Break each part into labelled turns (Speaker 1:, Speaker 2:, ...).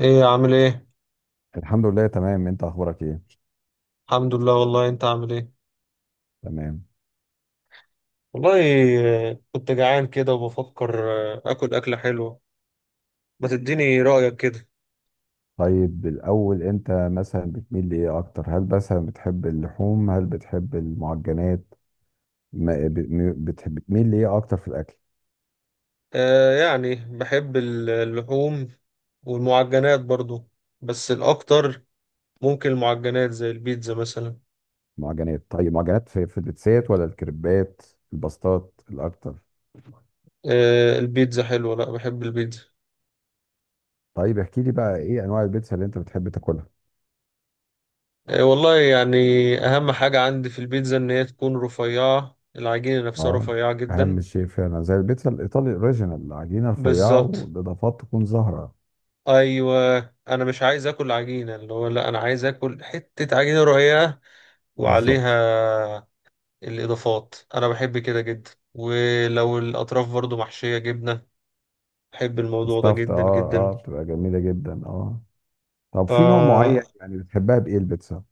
Speaker 1: ايه عامل ايه؟
Speaker 2: الحمد لله، تمام. انت اخبارك ايه؟
Speaker 1: الحمد لله والله. انت عامل ايه؟
Speaker 2: تمام.
Speaker 1: والله. كنت جعان كده وبفكر اكل اكلة حلوة. ما تديني رأيك كده.
Speaker 2: طيب، الاول انت مثلا بتميل لايه اكتر؟ هل مثلا بتحب اللحوم؟ هل بتحب المعجنات؟ ما ب- م- بتحب بتميل لايه اكتر في الاكل؟
Speaker 1: آه، يعني بحب اللحوم والمعجنات برضو، بس الاكتر ممكن المعجنات زي البيتزا مثلا.
Speaker 2: معجنات. طيب، معجنات. في البيتزات ولا الكريبات؟ الباستات الاكتر؟
Speaker 1: آه البيتزا حلوة، لا بحب البيتزا.
Speaker 2: طيب، احكي لي بقى ايه انواع البيتزا اللي انت بتحب تاكلها؟
Speaker 1: آه والله يعني اهم حاجة عندي في البيتزا ان هي تكون رفيعة، العجينة نفسها
Speaker 2: اه.
Speaker 1: رفيعة جدا.
Speaker 2: اهم شيء فعلا زي البيتزا الايطالي الاوريجينال، العجينه رفيعه
Speaker 1: بالظبط.
Speaker 2: والاضافات تكون زهره.
Speaker 1: ايوه، انا مش عايز اكل عجينه اللي هو، لا انا عايز اكل حته عجينه رقيقه،
Speaker 2: بالظبط.
Speaker 1: وعليها الاضافات. انا بحب كده جدا، ولو الاطراف برضو محشيه جبنه بحب الموضوع ده
Speaker 2: استفت. اه.
Speaker 1: جدا جدا.
Speaker 2: اه، بتبقى جميله جدا، اه. طب
Speaker 1: ف
Speaker 2: في نوع معين يعني بتحبها بايه البيتزا؟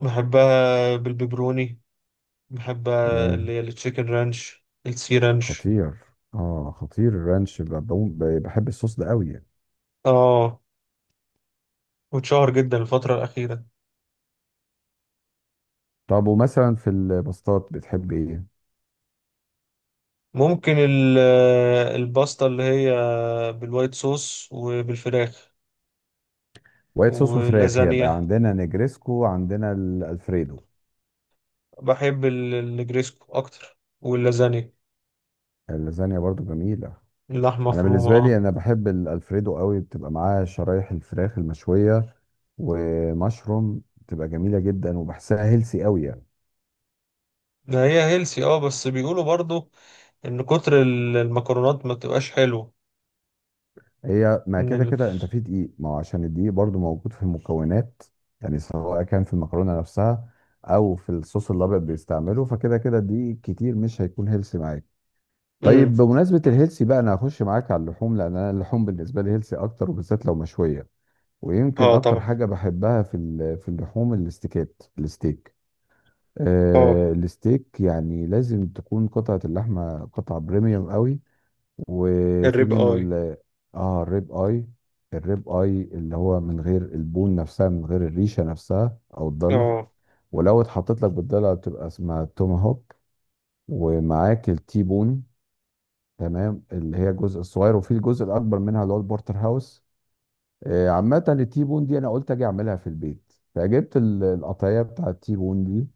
Speaker 1: بحبها بالبيبروني، بحبها اللي
Speaker 2: تمام.
Speaker 1: هي التشيكن رانش، السي رانش.
Speaker 2: خطير. اه، خطير الرانش. بحب الصوص ده قوي يعني.
Speaker 1: اه، واتشهر جدا الفتره الاخيره.
Speaker 2: طب ومثلا في الباستات بتحب ايه؟
Speaker 1: ممكن الباستا اللي هي بالوايت صوص وبالفراخ،
Speaker 2: وايت صوص وفراخ،
Speaker 1: واللازانيا.
Speaker 2: يبقى عندنا نجريسكو، عندنا الالفريدو.
Speaker 1: بحب الجريسكو اكتر واللازانيا.
Speaker 2: اللازانيا برضو جميله.
Speaker 1: اللحمه
Speaker 2: انا
Speaker 1: مفرومه،
Speaker 2: بالنسبه لي
Speaker 1: اه.
Speaker 2: بحب الالفريدو قوي، بتبقى معاه شرايح الفراخ المشويه ومشروم، بتبقى جميله جدا وبحسها هيلسي قوي يعني.
Speaker 1: ده هي هيلسي، اه، بس بيقولوا برضو ان كتر المكرونات ما تبقاش حلوه.
Speaker 2: هي ما
Speaker 1: ان
Speaker 2: كده
Speaker 1: ال...
Speaker 2: كده انت في دقيق، ما هو عشان الدقيق برضو موجود في المكونات. يعني سواء كان في المكرونه نفسها او في الصوص الابيض بيستعمله، فكده كده الدقيق كتير مش هيكون هيلسي معاك.
Speaker 1: امم
Speaker 2: طيب، بمناسبه الهيلسي بقى، انا هخش معاك على اللحوم، لان انا اللحوم بالنسبه لي هيلسي اكتر وبالذات لو مشويه. ويمكن
Speaker 1: اه
Speaker 2: اكتر
Speaker 1: طبعا.
Speaker 2: حاجه بحبها في اللحوم الاستيكات، الستيك.
Speaker 1: اه
Speaker 2: آه، الستيك يعني لازم تكون قطعه اللحمه قطعه بريميوم قوي. وفي
Speaker 1: الريب
Speaker 2: منه
Speaker 1: اي.
Speaker 2: اه، الريب اي. الريب اي اللي هو من غير البون نفسها، من غير الريشه نفسها او الضلع.
Speaker 1: اه،
Speaker 2: ولو اتحطت لك بالضلع بتبقى اسمها توماهوك. ومعاك التي بون. تمام، اللي هي الجزء الصغير، وفي الجزء الاكبر منها اللي هو البورتر هاوس. عامه التي بون دي انا قلت اجي اعملها في البيت، فجبت القطعيه بتاع التي بون دي.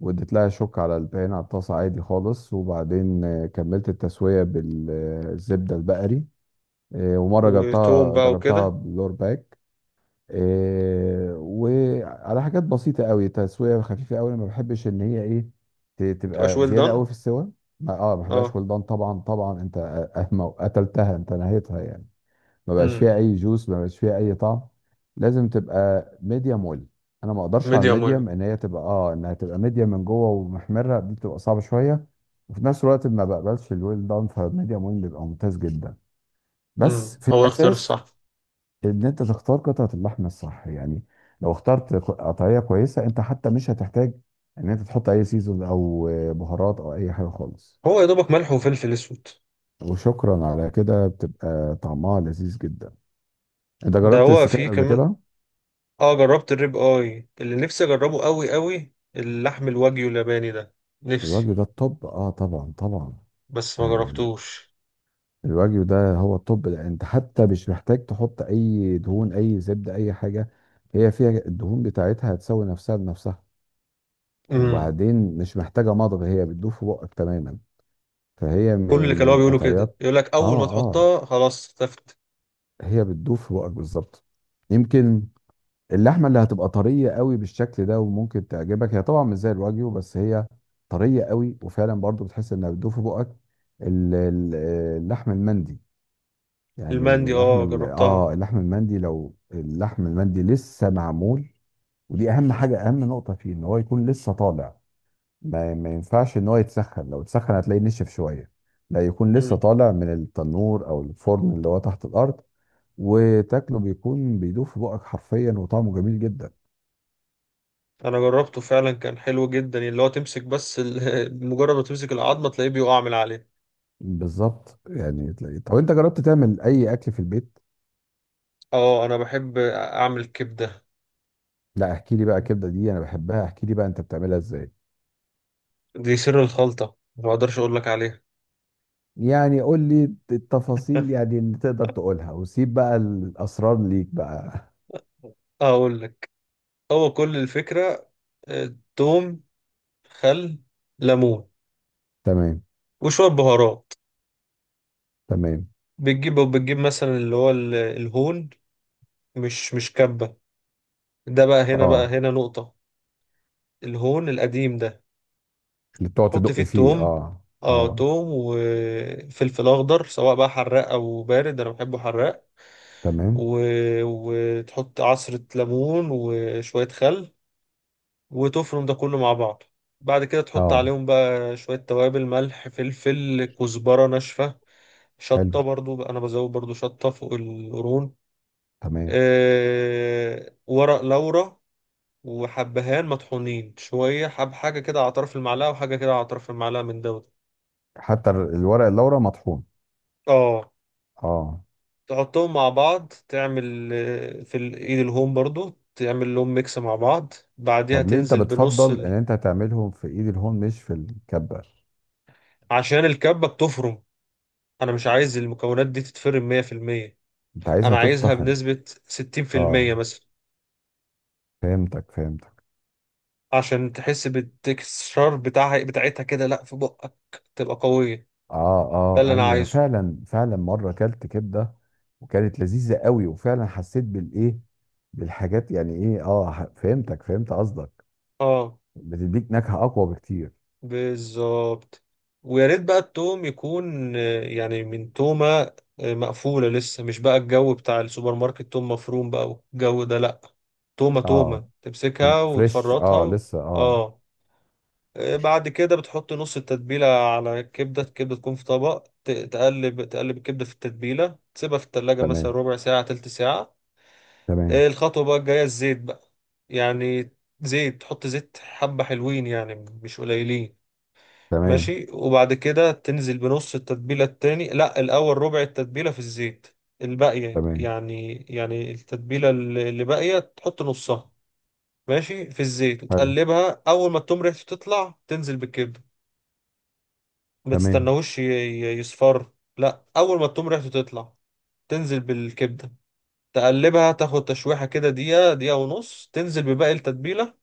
Speaker 2: واديت لها شوك على البان، على الطاسه عادي خالص، وبعدين كملت التسويه بالزبده البقري. إيه، ومره
Speaker 1: وتوم
Speaker 2: جربتها
Speaker 1: بقى
Speaker 2: جربتها
Speaker 1: وكده.
Speaker 2: بلور باك. إيه، وعلى حاجات بسيطه قوي، تسويه خفيفه قوي، انا ما بحبش ان هي ايه،
Speaker 1: تبقاش
Speaker 2: تبقى
Speaker 1: ويل
Speaker 2: زياده قوي
Speaker 1: دان.
Speaker 2: في السوى. ما بحبهاش
Speaker 1: اه.
Speaker 2: ولدان، طبعا طبعا. انت ما قتلتها، انت نهيتها يعني. ما بقاش
Speaker 1: امم.
Speaker 2: فيها اي جوس، ما بقاش فيها اي طعم. لازم تبقى ميديم ويل. انا ما اقدرش على
Speaker 1: ميديوم ويل.
Speaker 2: الميديم، ان هي تبقى انها تبقى ميديم من جوه ومحمره، دي بتبقى صعبه شويه. وفي نفس الوقت ما بقبلش الويل دان، فميديم ويل بيبقى ممتاز جدا. بس
Speaker 1: امم،
Speaker 2: في
Speaker 1: هو الاختيار
Speaker 2: الاساس
Speaker 1: الصح.
Speaker 2: ان انت تختار قطعه اللحم الصح يعني. لو اخترت قطعيه كويسه، انت حتى مش هتحتاج ان انت تحط اي سيزون او بهارات او اي حاجه خالص.
Speaker 1: هو يا دوبك ملح وفلفل اسود.
Speaker 2: وشكرا على كده، بتبقى طعمها لذيذ جدا. انت
Speaker 1: ده
Speaker 2: جربت
Speaker 1: هو
Speaker 2: السكات
Speaker 1: فيه
Speaker 2: قبل
Speaker 1: كمان.
Speaker 2: كده؟
Speaker 1: اه جربت الريب اي، اللي نفسي اجربه قوي قوي اللحم الواجيو الياباني ده، نفسي،
Speaker 2: الوجه ده الطب. اه، طبعا طبعا.
Speaker 1: بس ما
Speaker 2: آه،
Speaker 1: جربتوش.
Speaker 2: الوجه ده هو الطب، لأن انت حتى مش محتاج تحط اي دهون، اي زبده، اي حاجه. هي فيها الدهون بتاعتها، هتسوي نفسها بنفسها.
Speaker 1: امم
Speaker 2: وبعدين مش محتاجه مضغ، هي بتدوب في بقك تماما. فهي
Speaker 1: كل
Speaker 2: من
Speaker 1: اللي
Speaker 2: من
Speaker 1: كانوا بيقولوا كده
Speaker 2: القطعيات.
Speaker 1: يقول لك اول
Speaker 2: اه،
Speaker 1: ما
Speaker 2: اه.
Speaker 1: تحطها خلاص اختفت.
Speaker 2: هي بتدوب في بقك بالظبط. يمكن اللحمه اللي هتبقى طريه قوي بالشكل ده وممكن تعجبك، هي طبعا مش زي الواجيو بس هي طريه قوي، وفعلا برضو بتحس انها بتدوب في بقك. ال- ال- اللحم المندي.
Speaker 1: المندي،
Speaker 2: يعني لحم
Speaker 1: اه
Speaker 2: ال-
Speaker 1: جربتها.
Speaker 2: اه اللحم المندي، لو اللحم المندي لسه معمول. ودي اهم حاجه، اهم نقطه فيه، ان هو يكون لسه طالع. ما ينفعش ان هو يتسخن، لو اتسخن هتلاقيه نشف شويه. لا، يكون لسه
Speaker 1: امم
Speaker 2: طالع من التنور او الفرن اللي هو تحت الارض. وتاكله بيكون بيدوب في بقك حرفيا، وطعمه جميل جدا.
Speaker 1: انا جربته فعلا، كان حلو جدا يعني، اللي هو تمسك بس ال- مجرد ما تمسك العظمه تلاقيه بيقع من عليه.
Speaker 2: بالظبط يعني تلاقيه. طب انت جربت تعمل اي اكل في البيت؟
Speaker 1: اه، انا بحب اعمل كبده.
Speaker 2: لا، احكي لي بقى الكبده دي انا بحبها، احكي لي بقى انت بتعملها ازاي؟
Speaker 1: دي سر الخلطه ما اقدرش اقول لك عليها.
Speaker 2: يعني قول لي التفاصيل يعني اللي تقدر تقولها، وسيب بقى الاسرار ليك بقى.
Speaker 1: اقول لك، هو كل الفكره توم، خل، ليمون،
Speaker 2: تمام.
Speaker 1: وشويه بهارات.
Speaker 2: تمام.
Speaker 1: بتجيب مثلا اللي هو الهون، مش كبه، ده بقى هنا، بقى
Speaker 2: اه.
Speaker 1: هنا نقطة. الهون القديم ده،
Speaker 2: اللي بتقعد
Speaker 1: حط
Speaker 2: تدق
Speaker 1: فيه
Speaker 2: فيه،
Speaker 1: التوم.
Speaker 2: اه.
Speaker 1: اه،
Speaker 2: اه.
Speaker 1: توم وفلفل اخضر، سواء بقى حراق او بارد، انا بحبه حراق.
Speaker 2: تمام.
Speaker 1: و... وتحط عصرة ليمون وشوية خل، وتفرم ده كله مع بعض. بعد كده تحط
Speaker 2: اه.
Speaker 1: عليهم بقى شوية توابل: ملح، فلفل، كزبرة ناشفة،
Speaker 2: حلو.
Speaker 1: شطة. برضو انا بزود برضو شطة فوق القرون.
Speaker 2: تمام.
Speaker 1: آه... ورق لورا، وحبهان مطحونين شوية، حب حاجة كده على طرف المعلقة، وحاجة كده على طرف المعلقة من دوت.
Speaker 2: حتى الورق اللورا مطحون؟
Speaker 1: اه،
Speaker 2: اه.
Speaker 1: تحطهم مع بعض، تعمل في الايد الهوم برضو تعمل لهم ميكس مع بعض. بعديها
Speaker 2: طب ليه انت
Speaker 1: تنزل بنص
Speaker 2: بتفضل ان
Speaker 1: ال...
Speaker 2: انت تعملهم في ايد الهون مش في الكبه؟
Speaker 1: عشان الكبة بتفرم، انا مش عايز المكونات دي تتفرم 100%.
Speaker 2: انت عايزها
Speaker 1: انا عايزها
Speaker 2: تتطحن؟
Speaker 1: بنسبة 60%
Speaker 2: اه،
Speaker 1: مثلا،
Speaker 2: فهمتك فهمتك.
Speaker 1: عشان تحس بالتكستشر بتاعها بتاعتها كده لا في بقك، تبقى قوية.
Speaker 2: اه،
Speaker 1: ده
Speaker 2: اه،
Speaker 1: اللي انا
Speaker 2: ايوه، انا
Speaker 1: عايزه.
Speaker 2: فعلا فعلا مره اكلت كبده وكانت لذيذه قوي، وفعلا حسيت بالايه، بالحاجات يعني، ايه، فهمتك، فهمت قصدك.
Speaker 1: اه،
Speaker 2: بتديك نكهه اقوى بكتير.
Speaker 1: بالظبط. ويا ريت بقى التوم يكون يعني من تومة مقفولة لسه، مش بقى الجو بتاع السوبر ماركت توم مفروم بقى والجو ده، لأ. تومة تومة
Speaker 2: اه. طب
Speaker 1: تمسكها
Speaker 2: فريش؟
Speaker 1: وتفرطها
Speaker 2: اه،
Speaker 1: و...
Speaker 2: لسه؟ اه.
Speaker 1: اه. بعد كده بتحط نص التتبيلة على الكبدة، الكبدة تكون في طبق، تقلب الكبدة في التتبيلة، تسيبها في التلاجة مثلا
Speaker 2: تمام.
Speaker 1: ربع ساعة، تلت ساعة.
Speaker 2: تمام.
Speaker 1: الخطوة بقى الجاية الزيت بقى، يعني زيت، تحط زيت حبة حلوين يعني، مش قليلين.
Speaker 2: تمام.
Speaker 1: ماشي، وبعد كده تنزل بنص التتبيلة التاني، لا الأول ربع التتبيلة في الزيت، الباقية
Speaker 2: تمام.
Speaker 1: يعني، التتبيلة اللي باقية تحط نصها، ماشي، في الزيت
Speaker 2: حلو.
Speaker 1: وتقلبها. أول ما التوم ريحته تطلع، تنزل بالكبدة. ما
Speaker 2: تمام.
Speaker 1: تستناهوش يصفر، لا، أول ما التوم ريحته تطلع تنزل بالكبدة. تقلبها، تاخد تشويحة كده دقيقة، دقيقة ونص، تنزل بباقي التتبيلة،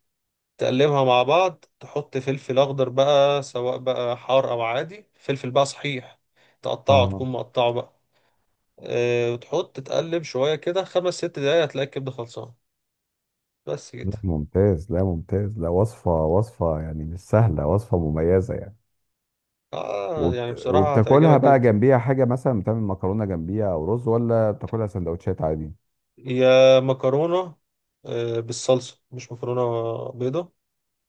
Speaker 1: تقلبها مع بعض. تحط فلفل اخضر بقى، سواء بقى حار او عادي، فلفل بقى صحيح تقطعه،
Speaker 2: اه.
Speaker 1: تكون مقطعه بقى. أه، وتحط تقلب شويه كده خمس ست دقايق، هتلاقي الكبده خلصانه، بس كده.
Speaker 2: لا، ممتاز، لا ممتاز، لا، وصفة وصفة يعني مش سهلة، وصفة مميزة يعني.
Speaker 1: اه، يعني بصراحه
Speaker 2: وبتاكلها
Speaker 1: هتعجبك
Speaker 2: بقى
Speaker 1: جدا.
Speaker 2: جنبيها حاجة، مثلا بتعمل مكرونة جنبيها أو رز، ولا بتاكلها سندوتشات عادي؟
Speaker 1: يا مكرونه، أه بالصلصه مش مكرونه بيضه،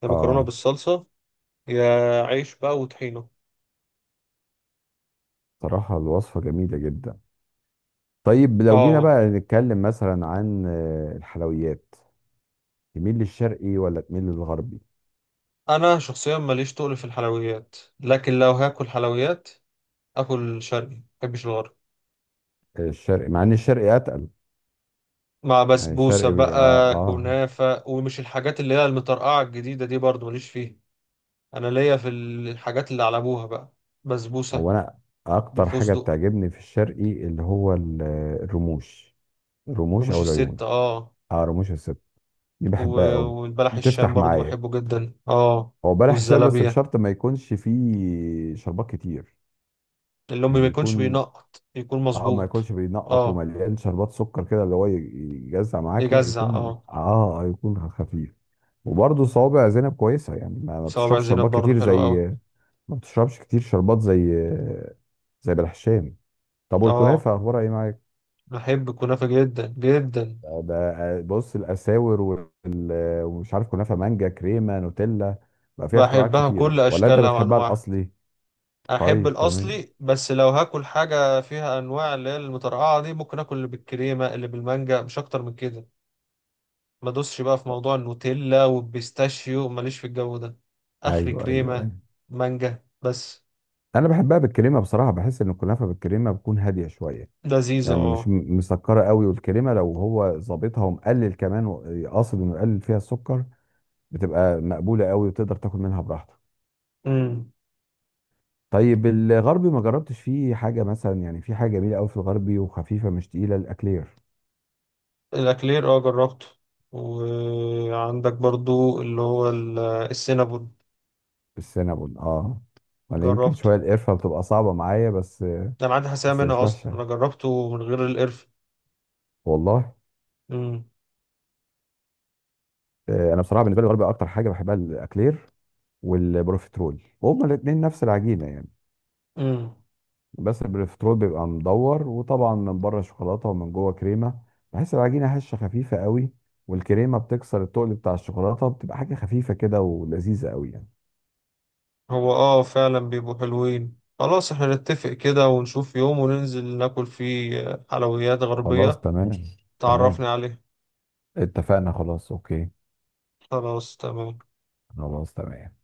Speaker 1: يا مكرونه
Speaker 2: آه.
Speaker 1: بالصلصه، يا عيش بقى وطحينه.
Speaker 2: صراحة الوصفة جميلة جدا. طيب لو جينا
Speaker 1: اه،
Speaker 2: بقى نتكلم مثلا عن الحلويات. تميل للشرقي ولا تميل للغربي؟
Speaker 1: انا شخصيا ماليش تقل في الحلويات، لكن لو هاكل حلويات اكل شرقي، مبحبش الغربي.
Speaker 2: الشرقي، مع إن الشرقي أتقل.
Speaker 1: مع
Speaker 2: يعني
Speaker 1: بسبوسة
Speaker 2: الشرقي بيبقى
Speaker 1: بقى، كنافة، ومش الحاجات اللي هي المطرقعة الجديدة دي برضو ماليش فيها. أنا ليا في الحاجات اللي على أبوها بقى، بسبوسة
Speaker 2: أو أنا أكتر حاجة
Speaker 1: بالفستق.
Speaker 2: بتعجبني في الشرقي اللي هو الرموش. الرموش
Speaker 1: رموش
Speaker 2: أو العيون.
Speaker 1: الست، اه.
Speaker 2: حرموش الست. دي
Speaker 1: و-
Speaker 2: بحبها قوي.
Speaker 1: والبلح الشام
Speaker 2: بتفتح
Speaker 1: برضو
Speaker 2: معايا.
Speaker 1: بحبه جدا، اه.
Speaker 2: هو بلح الشام، بس
Speaker 1: والزلابية
Speaker 2: بشرط ما يكونش فيه شربات كتير.
Speaker 1: اللي أمي، ما
Speaker 2: يعني
Speaker 1: يكونش
Speaker 2: يكون،
Speaker 1: بينقط، يكون
Speaker 2: اه، ما
Speaker 1: مظبوط.
Speaker 2: يكونش بينقط
Speaker 1: اه.
Speaker 2: ومليان شربات سكر كده اللي هو يجزع معاك. لا
Speaker 1: يجزع،
Speaker 2: يكون
Speaker 1: اه.
Speaker 2: يكون خفيف. وبرضه صوابع زينب كويسه يعني، ما
Speaker 1: صوابع
Speaker 2: بتشربش
Speaker 1: زينب
Speaker 2: شربات
Speaker 1: برضو
Speaker 2: كتير
Speaker 1: حلو أوي.
Speaker 2: زي، ما بتشربش كتير شربات زي، زي بلح الشام. طب
Speaker 1: اه،
Speaker 2: والكنافه اخبارها ايه معاك؟
Speaker 1: بحب الكنافة جدا جدا،
Speaker 2: ده بص، الاساور ومش عارف، كنافه مانجا، كريمه، نوتيلا، بقى فيها اختراعات
Speaker 1: بحبها بكل
Speaker 2: كتيره، ولا انت
Speaker 1: أشكالها
Speaker 2: بتحبها
Speaker 1: وأنواعها.
Speaker 2: الاصلي؟
Speaker 1: احب
Speaker 2: طيب، تمام.
Speaker 1: الاصلي، بس لو هاكل حاجه فيها انواع اللي هي المترقعه دي، ممكن اكل اللي بالكريمه، اللي بالمانجا، مش اكتر من كده. ما ادوسش بقى في موضوع النوتيلا والبيستاشيو، ماليش في الجو ده. اخري
Speaker 2: ايوه، ايوه،
Speaker 1: كريمه،
Speaker 2: ايوه.
Speaker 1: مانجا بس.
Speaker 2: انا بحبها بالكريمه بصراحه، بحس ان الكنافه بالكريمه بتكون هاديه شويه.
Speaker 1: لذيذه،
Speaker 2: يعني مش
Speaker 1: اه.
Speaker 2: مسكره قوي، والكريمه لو هو ظابطها ومقلل كمان قاصد انه يقلل فيها السكر، بتبقى مقبوله قوي وتقدر تاكل منها براحتك.
Speaker 1: امم.
Speaker 2: طيب الغربي ما جربتش فيه حاجه مثلا؟ يعني في حاجه جميله قوي في الغربي وخفيفه مش تقيله، الاكلير.
Speaker 1: الاكلير اه جربته، وعندك برضو اللي هو السينابون
Speaker 2: السينابون، اه. انا يمكن
Speaker 1: جربته.
Speaker 2: شويه القرفه بتبقى صعبه معايا بس.
Speaker 1: ده انا عندي حساسيه
Speaker 2: بس مش
Speaker 1: منها اصلا،
Speaker 2: وحشه.
Speaker 1: انا جربته من غير القرفه.
Speaker 2: والله. انا بصراحه بالنسبه لي الغربي اكتر حاجه بحبها الاكلير والبروفيترول، وهما الاثنين نفس العجينه يعني.
Speaker 1: امم.
Speaker 2: بس البروفيترول بيبقى مدور، وطبعا من بره شوكولاته ومن جوه كريمه. بحس العجينه هشه خفيفه قوي، والكريمه بتكسر التقل بتاع الشوكولاته، بتبقى حاجه خفيفه كده ولذيذه قوي يعني.
Speaker 1: هو اه فعلا بيبقوا حلوين. خلاص احنا نتفق كده ونشوف يوم وننزل ناكل فيه حلويات
Speaker 2: خلاص،
Speaker 1: غربية،
Speaker 2: تمام.
Speaker 1: تعرفني
Speaker 2: تمام.
Speaker 1: عليه.
Speaker 2: اتفقنا، خلاص، اوكي.
Speaker 1: خلاص تمام.
Speaker 2: خلاص، تمام.